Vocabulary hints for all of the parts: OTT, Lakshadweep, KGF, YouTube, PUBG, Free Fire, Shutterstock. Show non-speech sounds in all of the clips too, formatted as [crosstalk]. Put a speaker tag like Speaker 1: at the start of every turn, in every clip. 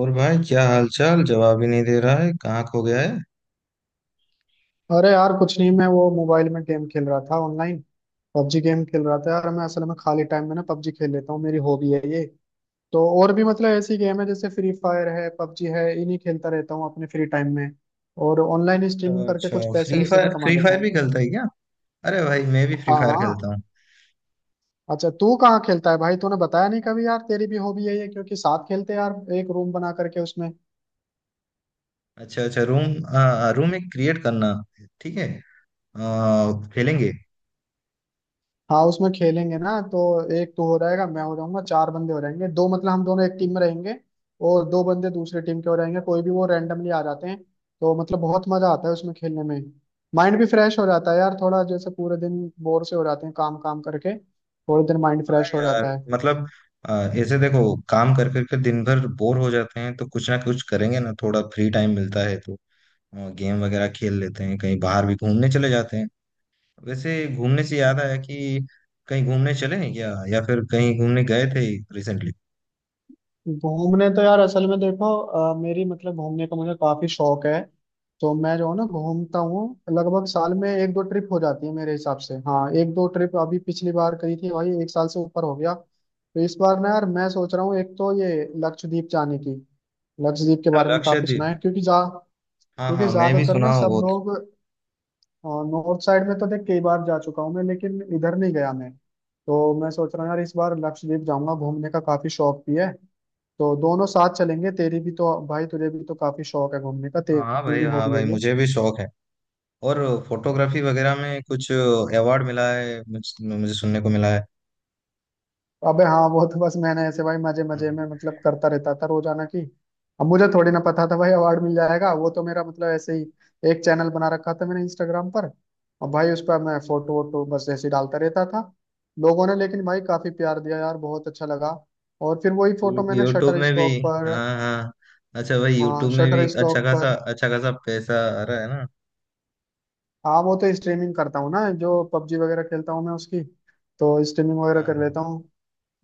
Speaker 1: और भाई क्या हाल चाल? जवाब ही नहीं दे रहा है, कहाँ खो गया है।
Speaker 2: अरे यार कुछ नहीं। मैं वो मोबाइल में गेम खेल रहा था ऑनलाइन। पबजी गेम खेल रहा था यार। मैं असल में खाली टाइम में ना पबजी खेल लेता हूँ। मेरी हॉबी है ये। तो और भी मतलब ऐसी गेम है जैसे फ्री फायर है, पबजी है, इन्हीं खेलता रहता हूँ अपने फ्री टाइम में। और ऑनलाइन स्ट्रीमिंग करके
Speaker 1: अच्छा,
Speaker 2: कुछ पैसे
Speaker 1: फ्री
Speaker 2: वैसे भी
Speaker 1: फायर?
Speaker 2: कमा
Speaker 1: फ्री
Speaker 2: लेता
Speaker 1: फायर
Speaker 2: हूँ।
Speaker 1: भी खेलता है क्या? अरे भाई, मैं भी फ्री
Speaker 2: हाँ
Speaker 1: फायर
Speaker 2: हाँ।
Speaker 1: खेलता हूँ।
Speaker 2: अच्छा तू कहाँ खेलता है भाई? तूने बताया नहीं कभी यार। तेरी भी हॉबी है ये, क्योंकि साथ खेलते हैं यार। एक रूम बना करके उसमें।
Speaker 1: अच्छा अच्छा, रूम रूम एक क्रिएट करना। ठीक है। खेलेंगे।
Speaker 2: हाँ उसमें खेलेंगे ना तो। एक तो हो रहेगा, मैं हो जाऊंगा, चार बंदे हो जाएंगे। दो मतलब हम दोनों एक टीम में रहेंगे और दो बंदे दूसरी टीम के हो रहेंगे। कोई भी वो रैंडमली आ जाते हैं। तो मतलब बहुत मजा आता है उसमें खेलने में। माइंड भी फ्रेश हो जाता है यार थोड़ा। जैसे पूरे दिन बोर से हो जाते हैं काम काम करके, थोड़े दिन माइंड
Speaker 1: हाँ
Speaker 2: फ्रेश हो
Speaker 1: यार।
Speaker 2: जाता है।
Speaker 1: मतलब ऐसे देखो, काम कर करके दिन भर बोर हो जाते हैं तो कुछ ना कुछ करेंगे ना। थोड़ा फ्री टाइम मिलता है तो गेम वगैरह खेल लेते हैं, कहीं बाहर भी घूमने चले जाते हैं। वैसे घूमने से याद आया कि कहीं घूमने चले हैं क्या, या फिर कहीं घूमने गए थे रिसेंटली?
Speaker 2: घूमने तो यार असल में देखो मेरी मतलब घूमने का मुझे काफी शौक है। तो मैं जो है ना घूमता हूँ। लगभग साल में एक दो ट्रिप हो जाती है मेरे हिसाब से। हाँ एक दो ट्रिप अभी पिछली बार करी थी भाई, एक साल से ऊपर हो गया। तो इस बार ना यार मैं सोच रहा हूँ, एक तो ये लक्षद्वीप जाने की। लक्षद्वीप के
Speaker 1: अच्छा,
Speaker 2: बारे में काफी सुना
Speaker 1: लक्षद्वीप।
Speaker 2: है। क्योंकि जा,
Speaker 1: हाँ
Speaker 2: क्योंकि
Speaker 1: हाँ, मैं भी
Speaker 2: ज्यादातर
Speaker 1: सुना
Speaker 2: ना
Speaker 1: हूँ
Speaker 2: सब
Speaker 1: बहुत।
Speaker 2: लोग नॉर्थ साइड में तो देख कई बार जा चुका हूँ मैं, लेकिन इधर नहीं गया मैं। तो मैं सोच रहा हूँ यार इस बार लक्षद्वीप जाऊंगा, घूमने का काफी शौक भी है। तो दोनों साथ चलेंगे, तेरी भी तो भाई तुझे भी तो काफी शौक है घूमने का,
Speaker 1: हाँ
Speaker 2: तेरी
Speaker 1: भाई,
Speaker 2: भी
Speaker 1: हाँ
Speaker 2: हॉबी
Speaker 1: भाई,
Speaker 2: है ये।
Speaker 1: मुझे भी शौक है। और फोटोग्राफी वगैरह में कुछ अवार्ड मिला है मुझे, मुझे सुनने को मिला है।
Speaker 2: अबे हाँ वो तो बस मैंने ऐसे भाई मजे मजे में मतलब करता रहता था रोजाना की। अब मुझे थोड़ी ना पता था भाई अवार्ड मिल जाएगा। वो तो मेरा मतलब ऐसे ही एक चैनल बना रखा था मैंने इंस्टाग्राम पर। और भाई उस पर मैं फोटो वोटो बस ऐसे ही डालता रहता था। लोगों ने लेकिन भाई काफी प्यार दिया यार, बहुत अच्छा लगा। और फिर वही फोटो मैंने
Speaker 1: यूट्यूब
Speaker 2: शटर
Speaker 1: में भी।
Speaker 2: स्टॉक पर।
Speaker 1: हाँ हाँ। अच्छा भाई,
Speaker 2: हाँ
Speaker 1: यूट्यूब में भी
Speaker 2: शटर स्टॉक पर।
Speaker 1: अच्छा खासा पैसा आ रहा है ना।
Speaker 2: हाँ वो तो स्ट्रीमिंग करता हूँ ना, जो पबजी वगैरह खेलता हूँ मैं उसकी। तो स्ट्रीमिंग वगैरह
Speaker 1: हाँ
Speaker 2: कर
Speaker 1: हाँ।
Speaker 2: लेता हूँ।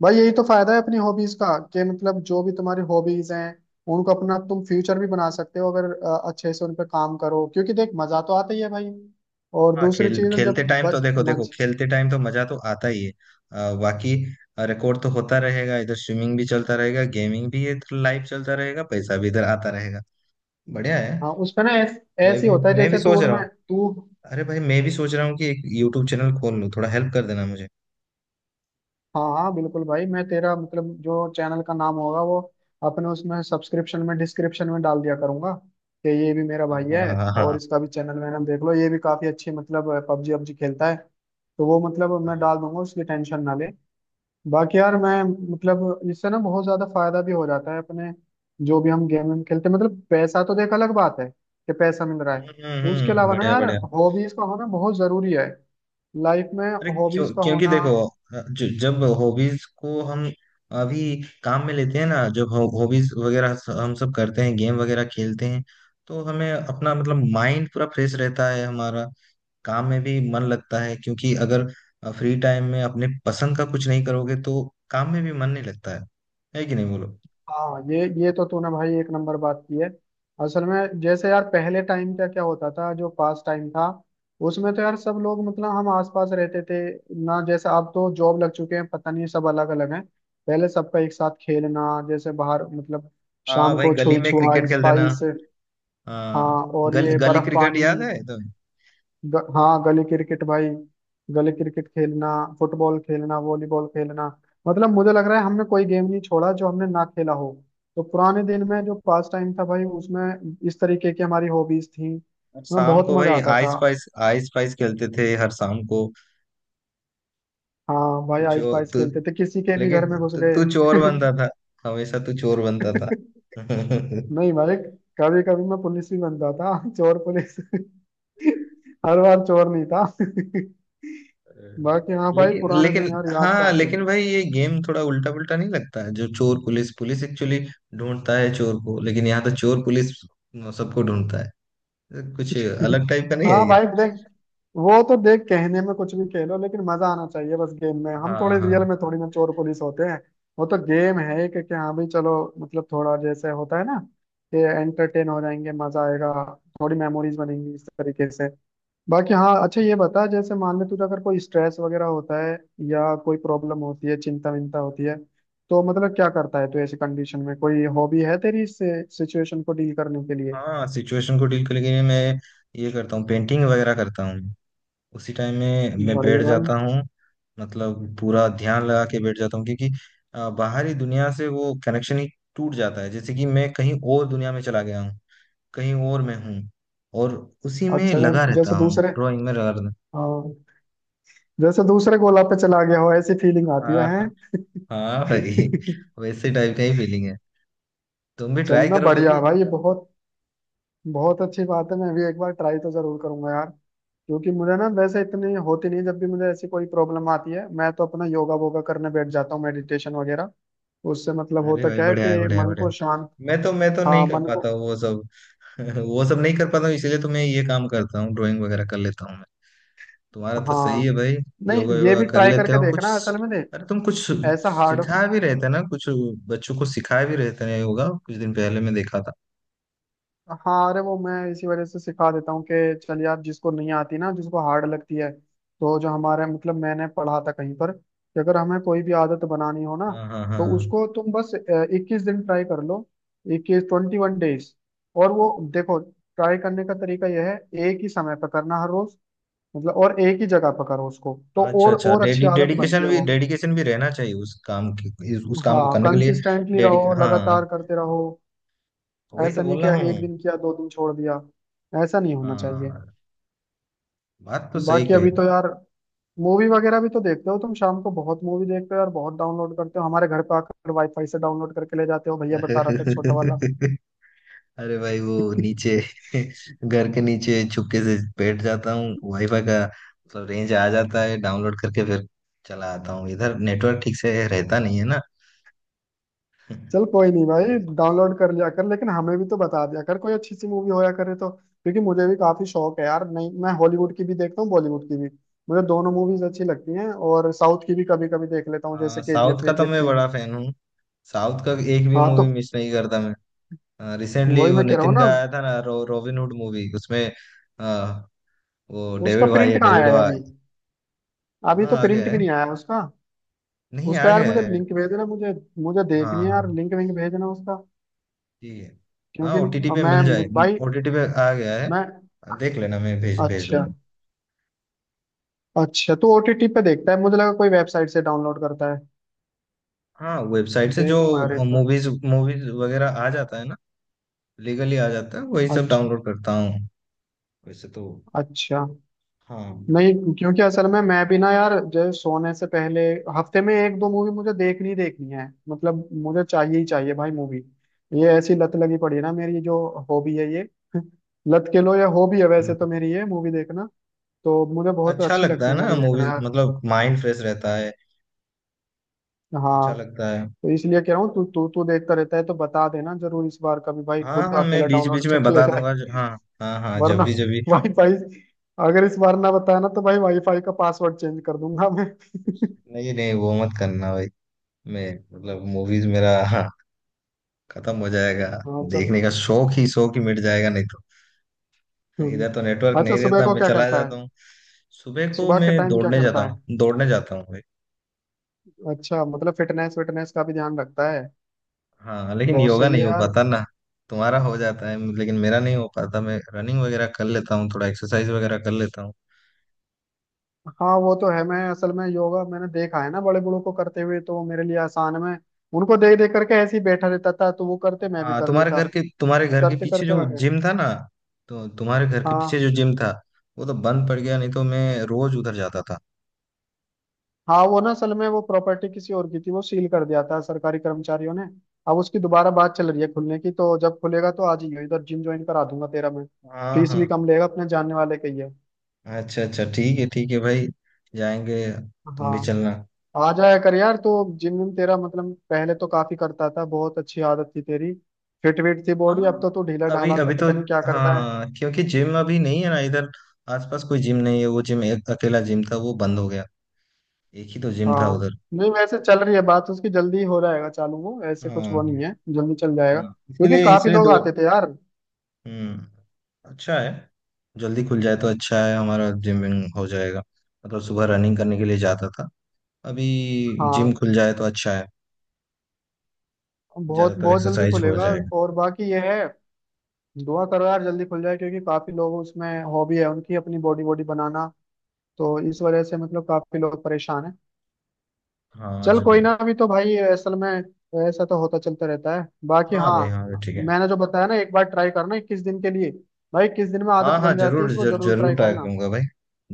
Speaker 2: भाई यही तो फायदा है अपनी हॉबीज का। कि मतलब जो भी तुम्हारी हॉबीज हैं, उनको अपना तुम फ्यूचर भी बना सकते हो अगर अच्छे से उन पर काम करो। क्योंकि देख मजा तो आता ही है भाई। और
Speaker 1: हाँ
Speaker 2: दूसरी
Speaker 1: खेल
Speaker 2: चीज है
Speaker 1: खेलते
Speaker 2: जब
Speaker 1: टाइम तो
Speaker 2: ब-
Speaker 1: देखो, देखो
Speaker 2: मज
Speaker 1: खेलते टाइम तो मजा तो आता ही है। बाकी रिकॉर्ड तो होता रहेगा, इधर स्विमिंग भी चलता रहेगा, गेमिंग भी इधर लाइव चलता रहेगा, पैसा भी इधर आता रहेगा। बढ़िया है।
Speaker 2: हाँ उसमें ना
Speaker 1: मैं
Speaker 2: ऐसे ही
Speaker 1: भी
Speaker 2: होता है
Speaker 1: मैं भी
Speaker 2: जैसे तू
Speaker 1: सोच
Speaker 2: और
Speaker 1: रहा हूँ।
Speaker 2: मैं, तू।
Speaker 1: अरे भाई, मैं भी सोच रहा हूँ कि एक यूट्यूब चैनल खोल लूँ। थोड़ा हेल्प कर देना मुझे।
Speaker 2: हाँ हाँ बिल्कुल भाई, मैं तेरा मतलब जो चैनल का नाम होगा वो अपने उसमें सब्सक्रिप्शन में डिस्क्रिप्शन में डाल दिया करूंगा कि ये भी मेरा
Speaker 1: हाँ
Speaker 2: भाई
Speaker 1: हाँ
Speaker 2: है।
Speaker 1: हाँ हाँ
Speaker 2: और
Speaker 1: हाँ।
Speaker 2: इसका भी चैनल में नाम देख लो, ये भी काफी अच्छी मतलब पबजी PUBG खेलता है। तो वो मतलब मैं डाल दूंगा, उसकी टेंशन ना ले। बाकी यार मैं मतलब इससे ना बहुत ज्यादा फायदा भी हो जाता है अपने। जो भी हम गेम खेलते हैं, मतलब पैसा तो देख अलग बात है कि पैसा मिल रहा है। उसके अलावा ना
Speaker 1: बढ़िया
Speaker 2: यार
Speaker 1: बढ़िया।
Speaker 2: हॉबीज का होना बहुत जरूरी है लाइफ में।
Speaker 1: अरे क्यों?
Speaker 2: हॉबीज का
Speaker 1: क्योंकि
Speaker 2: होना।
Speaker 1: देखो, जो जब हॉबीज को हम अभी काम में लेते हैं ना, जब हॉबीज वगैरह हम सब करते हैं, गेम वगैरह खेलते हैं, तो हमें अपना मतलब माइंड पूरा फ्रेश रहता है हमारा। काम में भी मन लगता है। क्योंकि अगर फ्री टाइम में अपने पसंद का कुछ नहीं करोगे तो काम में भी मन नहीं लगता है। है कि नहीं बोलो?
Speaker 2: हाँ ये तो तूने भाई एक नंबर बात की है। असल में जैसे यार पहले टाइम का क्या होता था जो पास टाइम था, उसमें तो यार सब लोग मतलब हम आसपास रहते थे ना। जैसे अब तो जॉब लग चुके हैं, पता नहीं सब अलग अलग हैं। पहले सबका एक साथ खेलना जैसे बाहर मतलब
Speaker 1: हाँ
Speaker 2: शाम
Speaker 1: भाई,
Speaker 2: को
Speaker 1: गली
Speaker 2: छुई
Speaker 1: में
Speaker 2: छुआ
Speaker 1: क्रिकेट खेलते ना।
Speaker 2: स्पाइस। हाँ
Speaker 1: हाँ,
Speaker 2: और ये
Speaker 1: गली
Speaker 2: बर्फ
Speaker 1: क्रिकेट
Speaker 2: पानी।
Speaker 1: याद है तुम्हें?
Speaker 2: हाँ गली क्रिकेट भाई। गली क्रिकेट खेलना, फुटबॉल खेलना, वॉलीबॉल खेलना। मतलब मुझे लग रहा है हमने कोई गेम नहीं छोड़ा जो हमने ना खेला हो। तो पुराने दिन में जो पास टाइम था भाई, उसमें इस तरीके की हमारी हॉबीज थी, हमें
Speaker 1: शाम
Speaker 2: बहुत
Speaker 1: को
Speaker 2: मजा
Speaker 1: भाई,
Speaker 2: आता था।
Speaker 1: आइस पाइस खेलते थे हर शाम को।
Speaker 2: हाँ भाई
Speaker 1: तू चो
Speaker 2: आइस पाइस
Speaker 1: तू
Speaker 2: खेलते थे, किसी के भी घर
Speaker 1: लेकिन,
Speaker 2: में घुस
Speaker 1: तू
Speaker 2: गए।
Speaker 1: तू
Speaker 2: [laughs]
Speaker 1: चोर बनता था, हमेशा तू चोर बनता था। [laughs]
Speaker 2: नहीं भाई, कभी कभी मैं पुलिस भी बनता था, चोर पुलिस। [laughs] हर बार चोर नहीं था। [laughs] बाकी हाँ भाई
Speaker 1: लेकिन
Speaker 2: पुराने
Speaker 1: लेकिन,
Speaker 2: दिन यार याद तो
Speaker 1: हाँ
Speaker 2: आते
Speaker 1: लेकिन
Speaker 2: हैं।
Speaker 1: भाई ये गेम थोड़ा उल्टा पुल्टा नहीं लगता है? जो चोर पुलिस, पुलिस एक्चुअली ढूंढता है चोर को, लेकिन यहाँ तो चोर पुलिस सबको ढूंढता है। कुछ अलग टाइप का नहीं है
Speaker 2: हाँ
Speaker 1: ये?
Speaker 2: भाई देख, वो तो देख कहने में कुछ भी कह लो लेकिन मजा आना चाहिए बस गेम में। हम
Speaker 1: हाँ
Speaker 2: थोड़े
Speaker 1: हाँ।
Speaker 2: रियल में थोड़ी ना चोर पुलिस होते हैं। वो तो गेम है एक, कि हाँ भाई चलो मतलब थोड़ा जैसे होता है ना कि एंटरटेन हो जाएंगे, मजा आएगा, थोड़ी मेमोरीज बनेंगी इस तरीके से। बाकी हाँ अच्छा ये बता, जैसे मान ले तुझे अगर कोई स्ट्रेस वगैरह होता है या कोई प्रॉब्लम होती है, चिंता विंता होती है, तो मतलब क्या करता है तू ऐसी कंडीशन में? कोई हॉबी है तेरी इस सिचुएशन को डील करने के लिए?
Speaker 1: हाँ, सिचुएशन को डील करने के लिए मैं ये करता हूँ, पेंटिंग वगैरह करता हूँ। उसी टाइम में मैं बैठ
Speaker 2: बढ़िया भाई।
Speaker 1: जाता हूँ। मतलब पूरा ध्यान लगा के बैठ जाता हूँ, क्योंकि बाहरी दुनिया से वो कनेक्शन ही टूट जाता है। जैसे कि मैं कहीं और दुनिया में चला गया हूँ, कहीं और मैं हूँ। और उसी में
Speaker 2: अच्छा
Speaker 1: लगा
Speaker 2: जैसे
Speaker 1: रहता हूँ,
Speaker 2: दूसरे,
Speaker 1: ड्राइंग में लगा रहता
Speaker 2: हाँ जैसे दूसरे गोला पे चला गया हो ऐसी फीलिंग
Speaker 1: हूँ।
Speaker 2: आती है
Speaker 1: हाँ
Speaker 2: हैं?
Speaker 1: हाँ। हाँ भाई, वैसे टाइप का ही फीलिंग है। तुम भी
Speaker 2: [laughs]
Speaker 1: ट्राई
Speaker 2: चलना
Speaker 1: करो कभी।
Speaker 2: बढ़िया भाई, ये बहुत बहुत अच्छी बात है। मैं भी एक बार ट्राई तो जरूर करूंगा यार। क्योंकि मुझे ना वैसे इतनी होती नहीं। जब भी मुझे ऐसी कोई प्रॉब्लम आती है, मैं तो अपना योगा वोगा करने बैठ जाता हूँ, मेडिटेशन वगैरह। उससे मतलब
Speaker 1: अरे
Speaker 2: होता
Speaker 1: भाई
Speaker 2: क्या है
Speaker 1: बढ़िया है,
Speaker 2: कि
Speaker 1: बढ़िया है,
Speaker 2: मन
Speaker 1: बढ़िया
Speaker 2: को
Speaker 1: है।
Speaker 2: शांत।
Speaker 1: मैं तो नहीं
Speaker 2: हाँ
Speaker 1: कर
Speaker 2: मन
Speaker 1: पाता
Speaker 2: को।
Speaker 1: हूँ वो सब। [laughs] वो सब नहीं कर पाता हूँ, इसीलिए तो मैं ये काम करता हूँ, ड्राइंग वगैरह कर लेता हूँ। तुम्हारा तो सही
Speaker 2: हाँ
Speaker 1: है भाई।
Speaker 2: नहीं
Speaker 1: योगा,
Speaker 2: ये
Speaker 1: योगा
Speaker 2: भी
Speaker 1: कर
Speaker 2: ट्राई
Speaker 1: लेते
Speaker 2: करके
Speaker 1: हो
Speaker 2: देखना,
Speaker 1: कुछ।
Speaker 2: असल में देख
Speaker 1: अरे तुम कुछ
Speaker 2: ऐसा हार्ड।
Speaker 1: सिखा भी रहे थे ना कुछ, बच्चों को सिखा भी रहे थे ना योगा कुछ दिन पहले मैं देखा था।
Speaker 2: हाँ अरे वो मैं इसी वजह से सिखा देता हूँ कि चल यार जिसको नहीं आती ना, जिसको हार्ड लगती है। तो जो हमारे मतलब मैंने पढ़ा था कहीं पर कि अगर हमें कोई भी आदत बनानी हो ना,
Speaker 1: हाँ हाँ
Speaker 2: तो
Speaker 1: हाँ।
Speaker 2: उसको तुम बस 21 दिन ट्राई कर लो। 21, ट्वेंटी वन डेज। और वो देखो ट्राई करने का तरीका यह है, एक ही समय पर करना हर रोज। मतलब और एक ही जगह पर करो उसको तो
Speaker 1: अच्छा
Speaker 2: और
Speaker 1: अच्छा,
Speaker 2: और अच्छी
Speaker 1: डेडी
Speaker 2: आदत बनती
Speaker 1: डेडिकेशन
Speaker 2: है
Speaker 1: भी,
Speaker 2: वो।
Speaker 1: डेडिकेशन भी रहना चाहिए उस काम की, उस काम को
Speaker 2: हाँ
Speaker 1: करने के लिए।
Speaker 2: कंसिस्टेंटली
Speaker 1: डेडिक
Speaker 2: रहो,
Speaker 1: हाँ,
Speaker 2: लगातार करते रहो।
Speaker 1: वही तो
Speaker 2: ऐसा नहीं
Speaker 1: बोल
Speaker 2: कि
Speaker 1: रहा
Speaker 2: एक
Speaker 1: हूँ।
Speaker 2: दिन किया, दो दिन छोड़ दिया। ऐसा नहीं होना चाहिए।
Speaker 1: हाँ, बात तो सही।
Speaker 2: बाकी अभी तो यार मूवी वगैरह भी तो देखते हो तुम। शाम को बहुत मूवी देखते हो यार, बहुत डाउनलोड करते हो हमारे घर पे आकर वाईफाई से, डाउनलोड करके ले जाते हो, भैया बता रहा था छोटा वाला। [laughs]
Speaker 1: कही [laughs] अरे भाई वो नीचे [laughs] घर के नीचे चुपके से बैठ जाता हूँ, वाईफाई का मतलब रेंज आ जाता है, डाउनलोड करके फिर चला आता हूँ इधर। नेटवर्क ठीक से रहता नहीं है ना,
Speaker 2: चल कोई नहीं भाई,
Speaker 1: क्या करें।
Speaker 2: डाउनलोड कर लिया कर, लेकिन हमें भी तो बता दिया कर कोई अच्छी सी मूवी होया करे तो। क्योंकि मुझे भी काफी शौक है यार, नहीं मैं हॉलीवुड की भी देखता हूँ, बॉलीवुड की भी। मुझे दोनों मूवीज अच्छी लगती हैं, और साउथ की भी कभी कभी देख लेता हूँ,
Speaker 1: हाँ,
Speaker 2: जैसे
Speaker 1: साउथ
Speaker 2: केजीएफ
Speaker 1: का तो
Speaker 2: वेजीएफ
Speaker 1: मैं
Speaker 2: थी।
Speaker 1: बड़ा फैन हूँ। साउथ का एक भी
Speaker 2: हाँ तो
Speaker 1: मूवी मिस नहीं करता मैं। रिसेंटली
Speaker 2: वही
Speaker 1: वो
Speaker 2: मैं कह रहा हूँ
Speaker 1: नितिन
Speaker 2: ना।
Speaker 1: का आया था ना, रॉबिन हुड मूवी, उसमें अ, वो
Speaker 2: उसका
Speaker 1: डेविड भाई है,
Speaker 2: प्रिंट कहाँ
Speaker 1: डेविड
Speaker 2: आया है अभी?
Speaker 1: भाई।
Speaker 2: अभी
Speaker 1: हाँ
Speaker 2: तो
Speaker 1: आ गया
Speaker 2: प्रिंट
Speaker 1: है,
Speaker 2: भी नहीं आया उसका।
Speaker 1: नहीं
Speaker 2: उसका
Speaker 1: आ
Speaker 2: यार
Speaker 1: गया
Speaker 2: मुझे
Speaker 1: है।
Speaker 2: लिंक भेज देना। मुझे मुझे
Speaker 1: हाँ
Speaker 2: देखनी है यार,
Speaker 1: हाँ,
Speaker 2: लिंक विंक भेज देना उसका।
Speaker 1: ठीक है। हाँ
Speaker 2: क्योंकि
Speaker 1: ओटीटी पे
Speaker 2: मैं,
Speaker 1: मिल जाए।
Speaker 2: भाई,
Speaker 1: ओटीटी पे आ गया है,
Speaker 2: मैं।
Speaker 1: देख लेना, मैं भेज भेज
Speaker 2: अच्छा
Speaker 1: दूंगा।
Speaker 2: अच्छा तो ओटीटी पे देखता है, मुझे लगा कोई वेबसाइट से डाउनलोड करता है।
Speaker 1: हाँ, वेबसाइट से जो
Speaker 2: देखूंगा यार एक बार।
Speaker 1: मूवीज, मूवीज वगैरह आ जाता है ना, लीगली आ जाता है, वही सब
Speaker 2: अच्छा
Speaker 1: डाउनलोड करता हूँ वैसे तो।
Speaker 2: अच्छा।
Speaker 1: हाँ
Speaker 2: नहीं क्योंकि असल में मैं भी ना यार जो सोने से पहले हफ्ते में एक दो मूवी मुझे देखनी ही देखनी है। मतलब मुझे चाहिए ही चाहिए भाई मूवी। ये ऐसी लत लगी पड़ी है ना मेरी, ये जो हॉबी है ये [laughs] लत के लो या हॉबी, है वैसे
Speaker 1: हाँ।
Speaker 2: तो मेरी ये मूवी देखना। तो मुझे बहुत
Speaker 1: अच्छा
Speaker 2: अच्छी
Speaker 1: लगता
Speaker 2: लगती
Speaker 1: है
Speaker 2: है
Speaker 1: ना
Speaker 2: मूवी देखना
Speaker 1: मूवीज,
Speaker 2: यार।
Speaker 1: मतलब माइंड फ्रेश रहता है, अच्छा
Speaker 2: हाँ
Speaker 1: लगता है।
Speaker 2: तो इसलिए कह रहा हूँ तू तू तू देखता रहता है तो बता देना जरूर इस बार कभी, भाई खुद
Speaker 1: हाँ हाँ, मैं
Speaker 2: अकेला
Speaker 1: बीच बीच
Speaker 2: डाउनलोड
Speaker 1: में
Speaker 2: करके ले
Speaker 1: बता
Speaker 2: जाए।
Speaker 1: दूंगा हाँ, हाँ हाँ, जब
Speaker 2: वरना
Speaker 1: भी जब भी।
Speaker 2: वाईफाई, अगर इस बार ना बताया ना तो भाई वाईफाई का पासवर्ड चेंज कर दूंगा मैं।
Speaker 1: नहीं नहीं, वो मत करना भाई, मैं मतलब मूवीज मेरा [laughs] हाँ, खत्म हो जाएगा,
Speaker 2: हाँ चलो।
Speaker 1: देखने का शौक ही, शौक ही मिट जाएगा नहीं तो। इधर तो नेटवर्क
Speaker 2: हम्म। अच्छा
Speaker 1: नहीं
Speaker 2: सुबह
Speaker 1: रहता,
Speaker 2: को
Speaker 1: मैं
Speaker 2: क्या
Speaker 1: चला
Speaker 2: करता है?
Speaker 1: जाता हूँ। सुबह को
Speaker 2: सुबह
Speaker 1: मैं
Speaker 2: के टाइम क्या
Speaker 1: दौड़ने जाता
Speaker 2: करता है?
Speaker 1: हूँ, दौड़ने जाता हूँ।
Speaker 2: अच्छा मतलब फिटनेस फिटनेस का भी ध्यान रखता है।
Speaker 1: हाँ, लेकिन
Speaker 2: बहुत
Speaker 1: योगा
Speaker 2: सही है
Speaker 1: नहीं हो
Speaker 2: यार।
Speaker 1: पाता ना। तुम्हारा हो जाता है लेकिन मेरा नहीं हो पाता। मैं रनिंग वगैरह कर लेता हूँ, थोड़ा एक्सरसाइज वगैरह कर लेता हूँ।
Speaker 2: हाँ वो तो है। मैं असल में योगा मैंने देखा है ना बड़े बड़ों को करते हुए, तो वो मेरे लिए आसान है। मैं उनको देख देख करके ऐसे ही बैठा रहता था, तो वो करते मैं भी
Speaker 1: हाँ,
Speaker 2: कर लेता,
Speaker 1: तुम्हारे घर के
Speaker 2: करते
Speaker 1: पीछे
Speaker 2: करते आ
Speaker 1: जो
Speaker 2: गए।
Speaker 1: जिम था ना, तो तुम्हारे घर के पीछे
Speaker 2: हाँ
Speaker 1: जो जिम था वो तो बंद पड़ गया, नहीं तो मैं रोज उधर जाता था।
Speaker 2: हाँ। वो ना असल में वो प्रॉपर्टी किसी और की थी, वो सील कर दिया था सरकारी कर्मचारियों ने। अब उसकी दोबारा बात चल रही है खुलने की, तो जब खुलेगा तो आज ही इधर जिम ज्वाइन करा दूंगा तेरा मैं।
Speaker 1: हाँ
Speaker 2: फीस भी
Speaker 1: हाँ,
Speaker 2: कम लेगा, अपने जानने वाले के ही है।
Speaker 1: अच्छा अच्छा, ठीक है भाई, जाएंगे, तुम भी
Speaker 2: हाँ
Speaker 1: चलना।
Speaker 2: आ जाया कर यार तो। जिम विम तेरा मतलब पहले तो काफी करता था, बहुत अच्छी आदत थी तेरी। फिट विट थी बॉडी, अब
Speaker 1: हाँ।
Speaker 2: तो तू ढीला
Speaker 1: अभी
Speaker 2: ढाला सा
Speaker 1: अभी तो
Speaker 2: पता नहीं क्या करता है।
Speaker 1: हाँ, क्योंकि जिम अभी नहीं है ना इधर आसपास, कोई जिम नहीं है। वो जिम एक अकेला जिम था, वो बंद हो गया। एक ही तो जिम था
Speaker 2: हाँ
Speaker 1: उधर।
Speaker 2: नहीं वैसे चल रही है बात उसकी, जल्दी ही हो जाएगा चालू, वो ऐसे कुछ वो
Speaker 1: हाँ
Speaker 2: नहीं है, जल्दी चल जाएगा
Speaker 1: हाँ, इसके
Speaker 2: क्योंकि
Speaker 1: लिए
Speaker 2: काफी
Speaker 1: इसलिए
Speaker 2: लोग
Speaker 1: दो।
Speaker 2: आते थे यार।
Speaker 1: हम्म, अच्छा है, जल्दी खुल जाए तो अच्छा है, हमारा जिम विम हो जाएगा। मतलब सुबह रनिंग करने के लिए जाता था अभी, जिम
Speaker 2: हाँ
Speaker 1: खुल जाए तो अच्छा है,
Speaker 2: बहुत
Speaker 1: ज्यादातर
Speaker 2: बहुत जल्दी
Speaker 1: एक्सरसाइज हो
Speaker 2: खुलेगा।
Speaker 1: जाएगा।
Speaker 2: और बाकी ये है, दुआ करो यार जल्दी खुल जाए, क्योंकि काफी लोग उसमें हॉबी है उनकी अपनी बॉडी बॉडी बनाना। तो इस वजह से मतलब काफी लोग परेशान हैं।
Speaker 1: हाँ
Speaker 2: चल कोई
Speaker 1: जरूर।
Speaker 2: ना, अभी तो भाई असल में ऐसा तो होता चलता रहता है। बाकी
Speaker 1: हाँ
Speaker 2: हाँ,
Speaker 1: भाई, हाँ भाई, ठीक है।
Speaker 2: मैंने जो बताया ना एक बार ट्राई करना 21 दिन के लिए, भाई 21 दिन में
Speaker 1: हाँ
Speaker 2: आदत
Speaker 1: हाँ,
Speaker 2: बन जाती है,
Speaker 1: जरूर
Speaker 2: इसको
Speaker 1: जरूर
Speaker 2: जरूर
Speaker 1: जरूर
Speaker 2: ट्राई
Speaker 1: ट्राई
Speaker 2: करना।
Speaker 1: करूंगा भाई,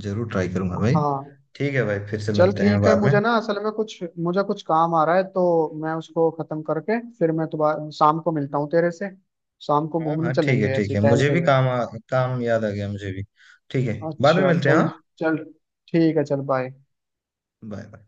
Speaker 1: जरूर ट्राई करूंगा भाई।
Speaker 2: हाँ
Speaker 1: ठीक है भाई, फिर से
Speaker 2: चल
Speaker 1: मिलते हैं
Speaker 2: ठीक है।
Speaker 1: बाद में।
Speaker 2: मुझे ना असल में कुछ, मुझे कुछ काम आ रहा है, तो मैं उसको खत्म करके फिर मैं दोबारा शाम को मिलता हूँ तेरे से। शाम को
Speaker 1: हाँ
Speaker 2: घूमने
Speaker 1: हाँ, ठीक है
Speaker 2: चलेंगे
Speaker 1: ठीक
Speaker 2: ऐसे
Speaker 1: है,
Speaker 2: ही
Speaker 1: मुझे
Speaker 2: टहलते
Speaker 1: भी
Speaker 2: हुए।
Speaker 1: काम काम याद आ गया मुझे भी। ठीक है, बाद में
Speaker 2: अच्छा
Speaker 1: मिलते हैं।
Speaker 2: चल।
Speaker 1: हाँ,
Speaker 2: चल ठीक है, चल बाय।
Speaker 1: Bye bye.